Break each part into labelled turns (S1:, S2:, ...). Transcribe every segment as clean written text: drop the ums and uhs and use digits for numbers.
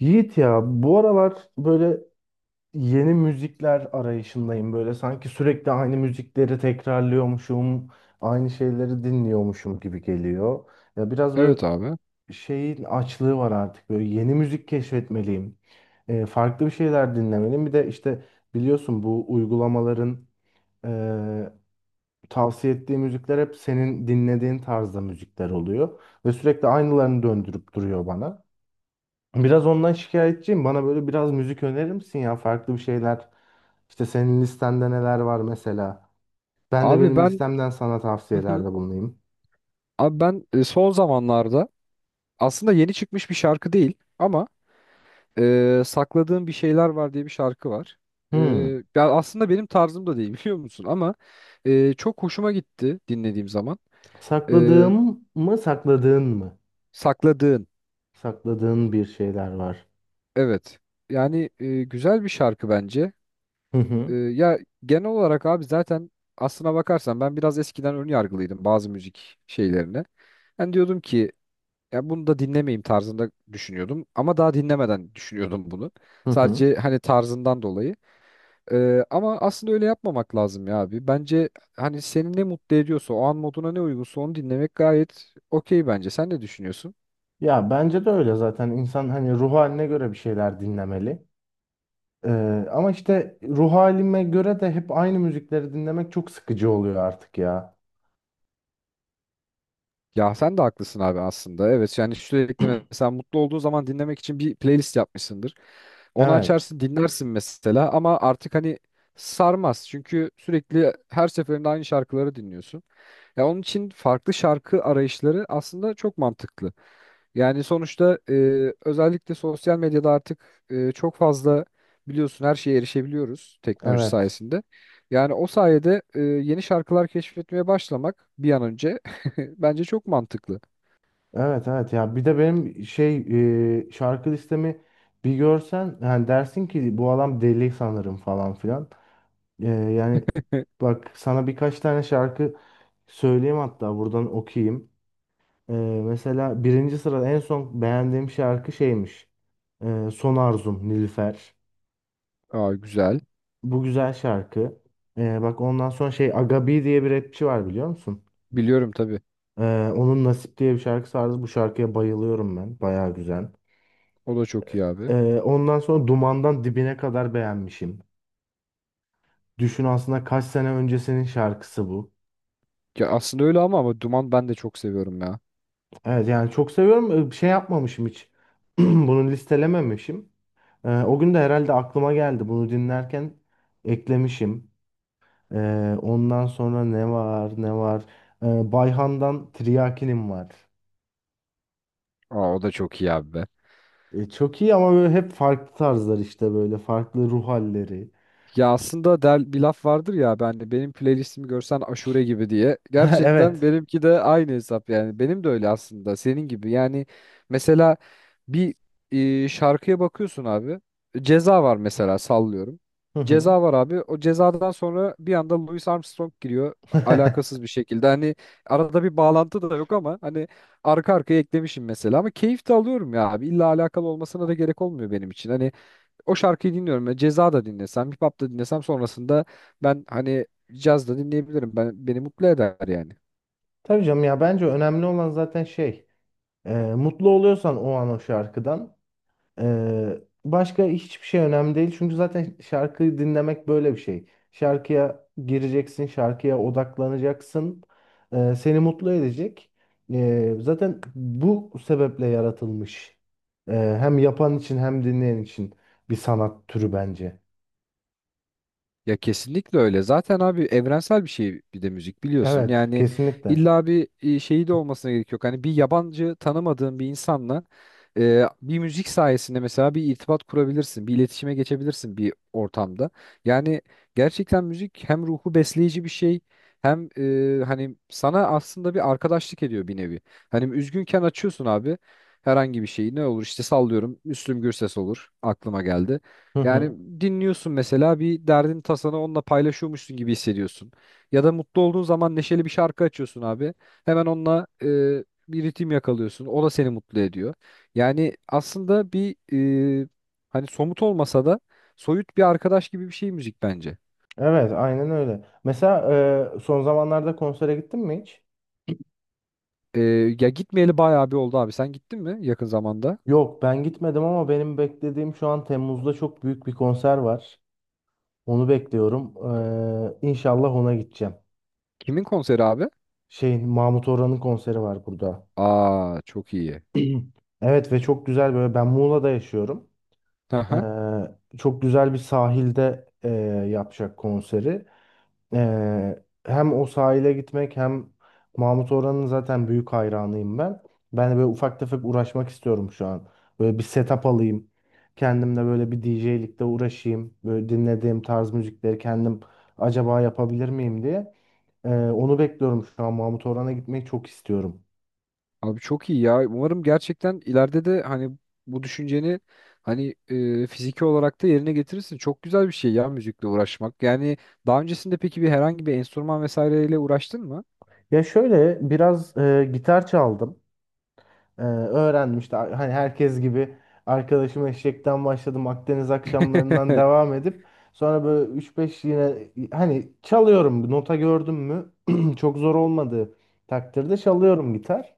S1: Yiğit ya bu aralar böyle yeni müzikler arayışındayım. Böyle sanki sürekli aynı müzikleri tekrarlıyormuşum, aynı şeyleri dinliyormuşum gibi geliyor. Ya biraz böyle
S2: Evet abi.
S1: şeyin açlığı var artık. Böyle yeni müzik keşfetmeliyim. Farklı bir şeyler dinlemeliyim. Bir de işte biliyorsun bu uygulamaların eee, tavsiye ettiği müzikler hep senin dinlediğin tarzda müzikler oluyor. Ve sürekli aynılarını döndürüp duruyor bana. Biraz ondan şikayetçiyim. Bana böyle biraz müzik önerir misin ya? Farklı bir şeyler. İşte senin listende neler var mesela? Ben de
S2: Abi
S1: benim
S2: ben
S1: listemden sana
S2: Hı hı.
S1: tavsiyelerde bulunayım.
S2: Abi ben son zamanlarda aslında yeni çıkmış bir şarkı değil ama sakladığım bir şeyler var diye bir şarkı var. E,
S1: Hmm.
S2: Ya aslında benim tarzım da değil biliyor musun ama çok hoşuma gitti dinlediğim zaman. E,
S1: Sakladığım mı, sakladığın mı?
S2: Sakladığın
S1: Sakladığın bir şeyler var.
S2: evet. Yani güzel bir şarkı bence.
S1: Hı hı.
S2: Ya genel olarak abi zaten aslına bakarsan ben biraz eskiden ön yargılıydım bazı müzik şeylerine. Ben diyordum ki ya bunu da dinlemeyeyim tarzında düşünüyordum. Ama daha dinlemeden düşünüyordum bunu.
S1: Hı hı.
S2: Sadece hani tarzından dolayı. Ama aslında öyle yapmamak lazım ya abi. Bence hani seni ne mutlu ediyorsa o an moduna ne uygunsa onu dinlemek gayet okey bence. Sen ne düşünüyorsun?
S1: Ya bence de öyle zaten. İnsan hani ruh haline göre bir şeyler dinlemeli. Ama işte ruh halime göre de hep aynı müzikleri dinlemek çok sıkıcı oluyor artık ya.
S2: Ya sen de haklısın abi aslında. Evet yani sürekli mesela mutlu olduğu zaman dinlemek için bir playlist yapmışsındır. Onu
S1: Evet.
S2: açarsın dinlersin mesela ama artık hani sarmaz. Çünkü sürekli her seferinde aynı şarkıları dinliyorsun. Ya onun için farklı şarkı arayışları aslında çok mantıklı. Yani sonuçta özellikle sosyal medyada artık çok fazla biliyorsun her şeye erişebiliyoruz teknoloji
S1: Evet.
S2: sayesinde. Yani o sayede yeni şarkılar keşfetmeye başlamak bir an önce bence çok mantıklı.
S1: Evet, evet, ya bir de benim şey şarkı listemi bir görsen yani dersin ki bu adam deli sanırım falan filan. Yani bak sana birkaç tane şarkı söyleyeyim, hatta buradan okuyayım. E, Mesela birinci sırada en son beğendiğim şarkı şeymiş. Son Arzum, Nilüfer.
S2: Aa güzel.
S1: Bu güzel şarkı. Bak ondan sonra şey Agabi diye bir rapçi var, biliyor musun?
S2: Biliyorum tabii.
S1: Onun Nasip diye bir şarkısı vardı. Bu şarkıya bayılıyorum ben. Bayağı güzel.
S2: O da çok iyi abi.
S1: Ondan sonra Duman'dan Dibine kadar beğenmişim. Düşün aslında kaç sene öncesinin şarkısı bu.
S2: Ya aslında öyle ama Duman ben de çok seviyorum ya.
S1: Evet, yani çok seviyorum. Şey yapmamışım hiç. Bunu listelememişim. O gün de herhalde aklıma geldi. Bunu dinlerken eklemişim. Ondan sonra ne var ne var. Bayhan'dan Triakinim var.
S2: Aa o da çok iyi abi be.
S1: Çok iyi, ama böyle hep farklı tarzlar işte, böyle farklı ruh halleri.
S2: Ya aslında der, bir laf vardır ya ben de benim playlistimi görsen aşure gibi diye. Gerçekten
S1: Evet.
S2: benimki de aynı hesap yani. Benim de öyle aslında senin gibi. Yani mesela bir şarkıya bakıyorsun abi. Ceza var mesela sallıyorum.
S1: Hı hı.
S2: Ceza var abi. O cezadan sonra bir anda Louis Armstrong giriyor alakasız bir şekilde. Hani arada bir bağlantı da yok ama hani arka arkaya eklemişim mesela ama keyif de alıyorum ya abi. İlla alakalı olmasına da gerek olmuyor benim için. Hani o şarkıyı dinliyorum. Ya Ceza da dinlesem, hip hop da dinlesem sonrasında ben hani caz da dinleyebilirim. Beni mutlu eder yani.
S1: Tabii canım, ya bence önemli olan zaten şey. Mutlu oluyorsan o an o şarkıdan ee, başka hiçbir şey önemli değil. Çünkü zaten şarkıyı dinlemek böyle bir şey. Şarkıya gireceksin, şarkıya odaklanacaksın. Seni mutlu edecek. Zaten bu sebeple yaratılmış. Ee, Hem yapan için hem dinleyen için bir sanat türü bence.
S2: Ya kesinlikle öyle. Zaten abi evrensel bir şey bir de müzik biliyorsun.
S1: Evet,
S2: Yani
S1: kesinlikle.
S2: illa bir şeyi de olmasına gerek yok. Hani bir yabancı tanımadığın bir insanla bir müzik sayesinde mesela bir irtibat kurabilirsin, bir iletişime geçebilirsin bir ortamda. Yani gerçekten müzik hem ruhu besleyici bir şey hem hani sana aslında bir arkadaşlık ediyor bir nevi. Hani üzgünken açıyorsun abi herhangi bir şeyi ne olur işte sallıyorum Müslüm Gürses olur aklıma geldi.
S1: Hı
S2: Yani
S1: hı.
S2: dinliyorsun mesela bir derdin tasanı onunla paylaşıyormuşsun gibi hissediyorsun. Ya da mutlu olduğun zaman neşeli bir şarkı açıyorsun abi. Hemen onunla bir ritim yakalıyorsun. O da seni mutlu ediyor. Yani aslında bir e, hani somut olmasa da soyut bir arkadaş gibi bir şey müzik bence.
S1: Evet, aynen öyle. Mesela son zamanlarda konsere gittin mi hiç?
S2: E, Ya gitmeyeli bayağı bir oldu abi. Sen gittin mi yakın zamanda?
S1: Yok, ben gitmedim ama benim beklediğim şu an Temmuz'da çok büyük bir konser var. Onu bekliyorum. İnşallah ona gideceğim.
S2: Kimin konseri abi?
S1: Şeyin Mahmut Orhan'ın konseri var burada.
S2: Aa çok iyi.
S1: Evet, ve çok güzel, böyle ben Muğla'da yaşıyorum.
S2: Aha.
S1: Ee, Çok güzel bir sahilde yapacak konseri. Hem o sahile gitmek hem Mahmut Orhan'ın zaten büyük hayranıyım ben. Ben de böyle ufak tefek uğraşmak istiyorum şu an. Böyle bir setup alayım. Kendimle böyle bir DJ'likte uğraşayım. Böyle dinlediğim tarz müzikleri kendim acaba yapabilir miyim diye. Onu bekliyorum şu an. Mahmut Orhan'a gitmeyi çok istiyorum.
S2: Abi çok iyi ya. Umarım gerçekten ileride de hani bu düşünceni hani fiziki olarak da yerine getirirsin. Çok güzel bir şey ya müzikle uğraşmak. Yani daha öncesinde peki bir herhangi bir enstrüman vesaireyle uğraştın mı?
S1: Ya şöyle biraz gitar çaldım. Öğrenmişti. Hani herkes gibi arkadaşım Eşek'ten başladım. Akdeniz akşamlarından devam edip sonra böyle üç beş yine hani çalıyorum. Nota gördüm mü çok zor olmadığı takdirde çalıyorum gitar.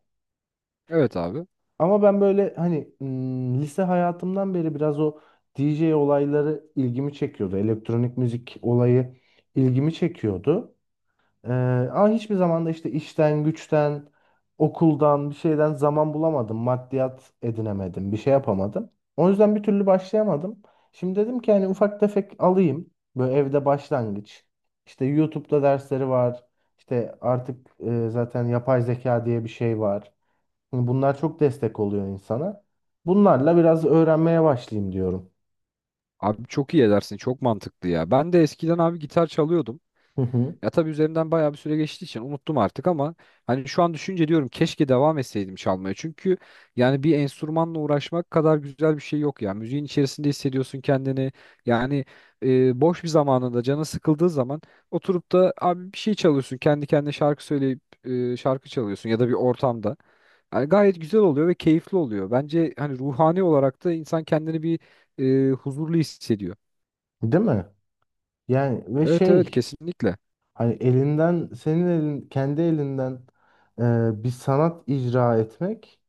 S2: Evet abi.
S1: Ama ben böyle hani lise hayatımdan beri biraz o DJ olayları ilgimi çekiyordu. Elektronik müzik olayı ilgimi çekiyordu. Ee, Ama hiçbir zaman da işte işten, güçten, okuldan, bir şeyden zaman bulamadım. Maddiyat edinemedim. Bir şey yapamadım. O yüzden bir türlü başlayamadım. Şimdi dedim ki hani ufak tefek alayım. Böyle evde başlangıç. İşte YouTube'da dersleri var. İşte artık zaten yapay zeka diye bir şey var. Hani bunlar çok destek oluyor insana. Bunlarla biraz öğrenmeye başlayayım diyorum.
S2: Abi çok iyi edersin. Çok mantıklı ya. Ben de eskiden abi gitar çalıyordum.
S1: Hı hı.
S2: Ya tabii üzerimden bayağı bir süre geçtiği için unuttum artık ama hani şu an düşünce diyorum keşke devam etseydim çalmaya. Çünkü yani bir enstrümanla uğraşmak kadar güzel bir şey yok ya. Müziğin içerisinde hissediyorsun kendini. Yani boş bir zamanında canın sıkıldığı zaman oturup da abi bir şey çalıyorsun. Kendi kendine şarkı söyleyip şarkı çalıyorsun ya da bir ortamda. Yani gayet güzel oluyor ve keyifli oluyor. Bence hani ruhani olarak da insan kendini bir huzurlu hissediyor.
S1: Değil mi? Yani ve
S2: Evet, evet,
S1: şey,
S2: kesinlikle.
S1: hani elinden, senin elin, kendi elinden bir sanat icra etmek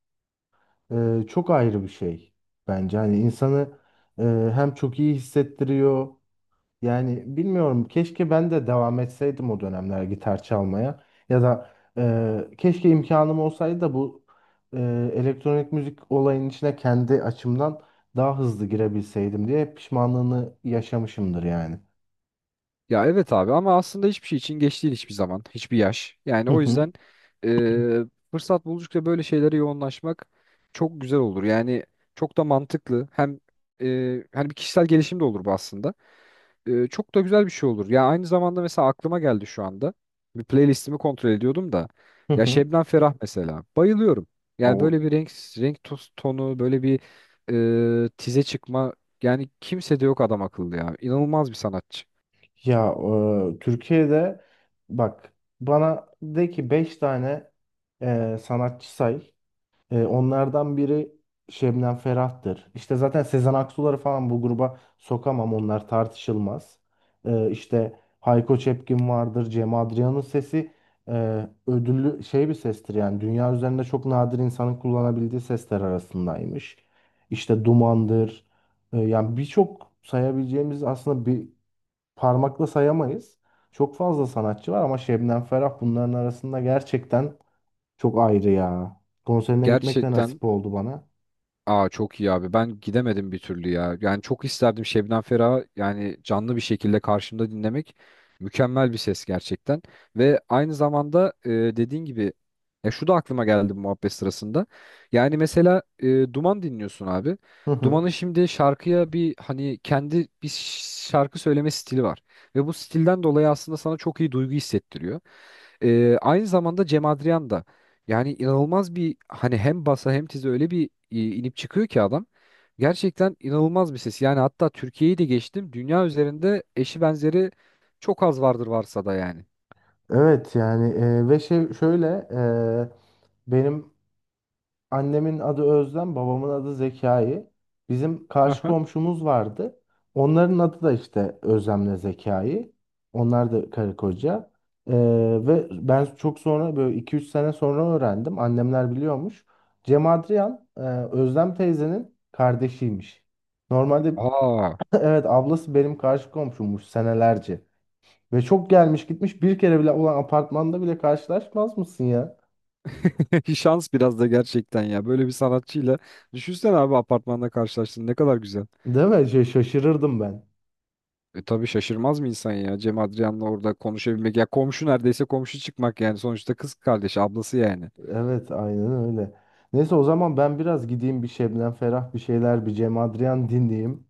S1: çok ayrı bir şey bence. Hani insanı e, hem çok iyi hissettiriyor. Yani bilmiyorum, keşke ben de devam etseydim o dönemler gitar çalmaya. Ya da keşke imkanım olsaydı da bu e, elektronik müzik olayının içine kendi açımdan daha hızlı girebilseydim diye pişmanlığını yaşamışımdır yani.
S2: Ya evet abi ama aslında hiçbir şey için geç değil hiçbir zaman, hiçbir yaş. Yani
S1: Hı
S2: o
S1: hı.
S2: yüzden e, fırsat buldukça böyle şeylere yoğunlaşmak çok güzel olur. Yani çok da mantıklı. Hem hani bir kişisel gelişim de olur bu aslında. Çok da güzel bir şey olur. Ya aynı zamanda mesela aklıma geldi şu anda. Bir playlistimi kontrol ediyordum da. Ya
S1: Hı
S2: Şebnem Ferah mesela. Bayılıyorum. Yani
S1: hı.
S2: böyle bir tonu, böyle bir tize çıkma yani kimse de yok adam akıllı ya. İnanılmaz bir sanatçı.
S1: Ya Türkiye'de bak, bana de ki 5 tane sanatçı say. Onlardan biri Şebnem Ferah'tır. İşte zaten Sezen Aksu'ları falan bu gruba sokamam, onlar tartışılmaz. İşte Hayko Cepkin vardır, Cem Adrian'ın sesi ödüllü şey bir sestir, yani dünya üzerinde çok nadir insanın kullanabildiği sesler arasındaymış. İşte Duman'dır. Yani birçok sayabileceğimiz, aslında bir parmakla sayamayız. Çok fazla sanatçı var ama Şebnem Ferah bunların arasında gerçekten çok ayrı ya. Konserine gitmek de
S2: Gerçekten.
S1: nasip oldu bana.
S2: Aa çok iyi abi. Ben gidemedim bir türlü ya. Yani çok isterdim Şebnem Ferah'ı yani canlı bir şekilde karşımda dinlemek. Mükemmel bir ses gerçekten. Ve aynı zamanda dediğin gibi ya şu da aklıma geldi bu muhabbet sırasında. Yani mesela Duman dinliyorsun abi.
S1: Hı hı.
S2: Duman'ın şimdi şarkıya bir hani kendi bir şarkı söyleme stili var. Ve bu stilden dolayı aslında sana çok iyi duygu hissettiriyor. Aynı zamanda Cem Adrian da yani inanılmaz bir hani hem basa hem tize öyle bir inip çıkıyor ki adam. Gerçekten inanılmaz bir ses. Yani hatta Türkiye'yi de geçtim. Dünya üzerinde eşi benzeri çok az vardır varsa da yani.
S1: Evet yani ve şey şöyle e, benim annemin adı Özlem, babamın adı Zekai. Bizim karşı
S2: Aha.
S1: komşumuz vardı. Onların adı da işte Özlem'le Zekai. Onlar da karı koca. Ee, Ve ben çok sonra, böyle iki üç sene sonra öğrendim. Annemler biliyormuş. Cem Adrian Özlem teyzenin kardeşiymiş. Normalde
S2: Aa.
S1: evet, ablası benim karşı komşummuş senelerce. Ve çok gelmiş gitmiş, bir kere bile olan apartmanda bile karşılaşmaz mısın ya?
S2: Şans biraz da gerçekten ya. Böyle bir sanatçıyla düşünsene abi apartmanda karşılaştın ne kadar güzel.
S1: Değil mi? Şey, şaşırırdım ben.
S2: E tabii şaşırmaz mı insan ya Cem Adrian'la orada konuşabilmek ya komşu neredeyse komşu çıkmak yani sonuçta kız kardeşi ablası yani.
S1: Evet, aynen öyle. Neyse, o zaman ben biraz gideyim, bir Şebnem Ferah bir şeyler, bir Cem Adrian dinleyeyim.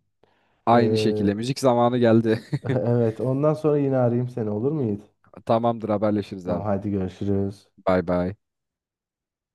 S2: Aynı
S1: Ee,
S2: şekilde müzik zamanı geldi.
S1: evet, ondan sonra yine arayayım seni, olur mu Yiğit?
S2: Tamamdır, haberleşiriz
S1: Tamam,
S2: abi.
S1: hadi görüşürüz.
S2: Bay bay.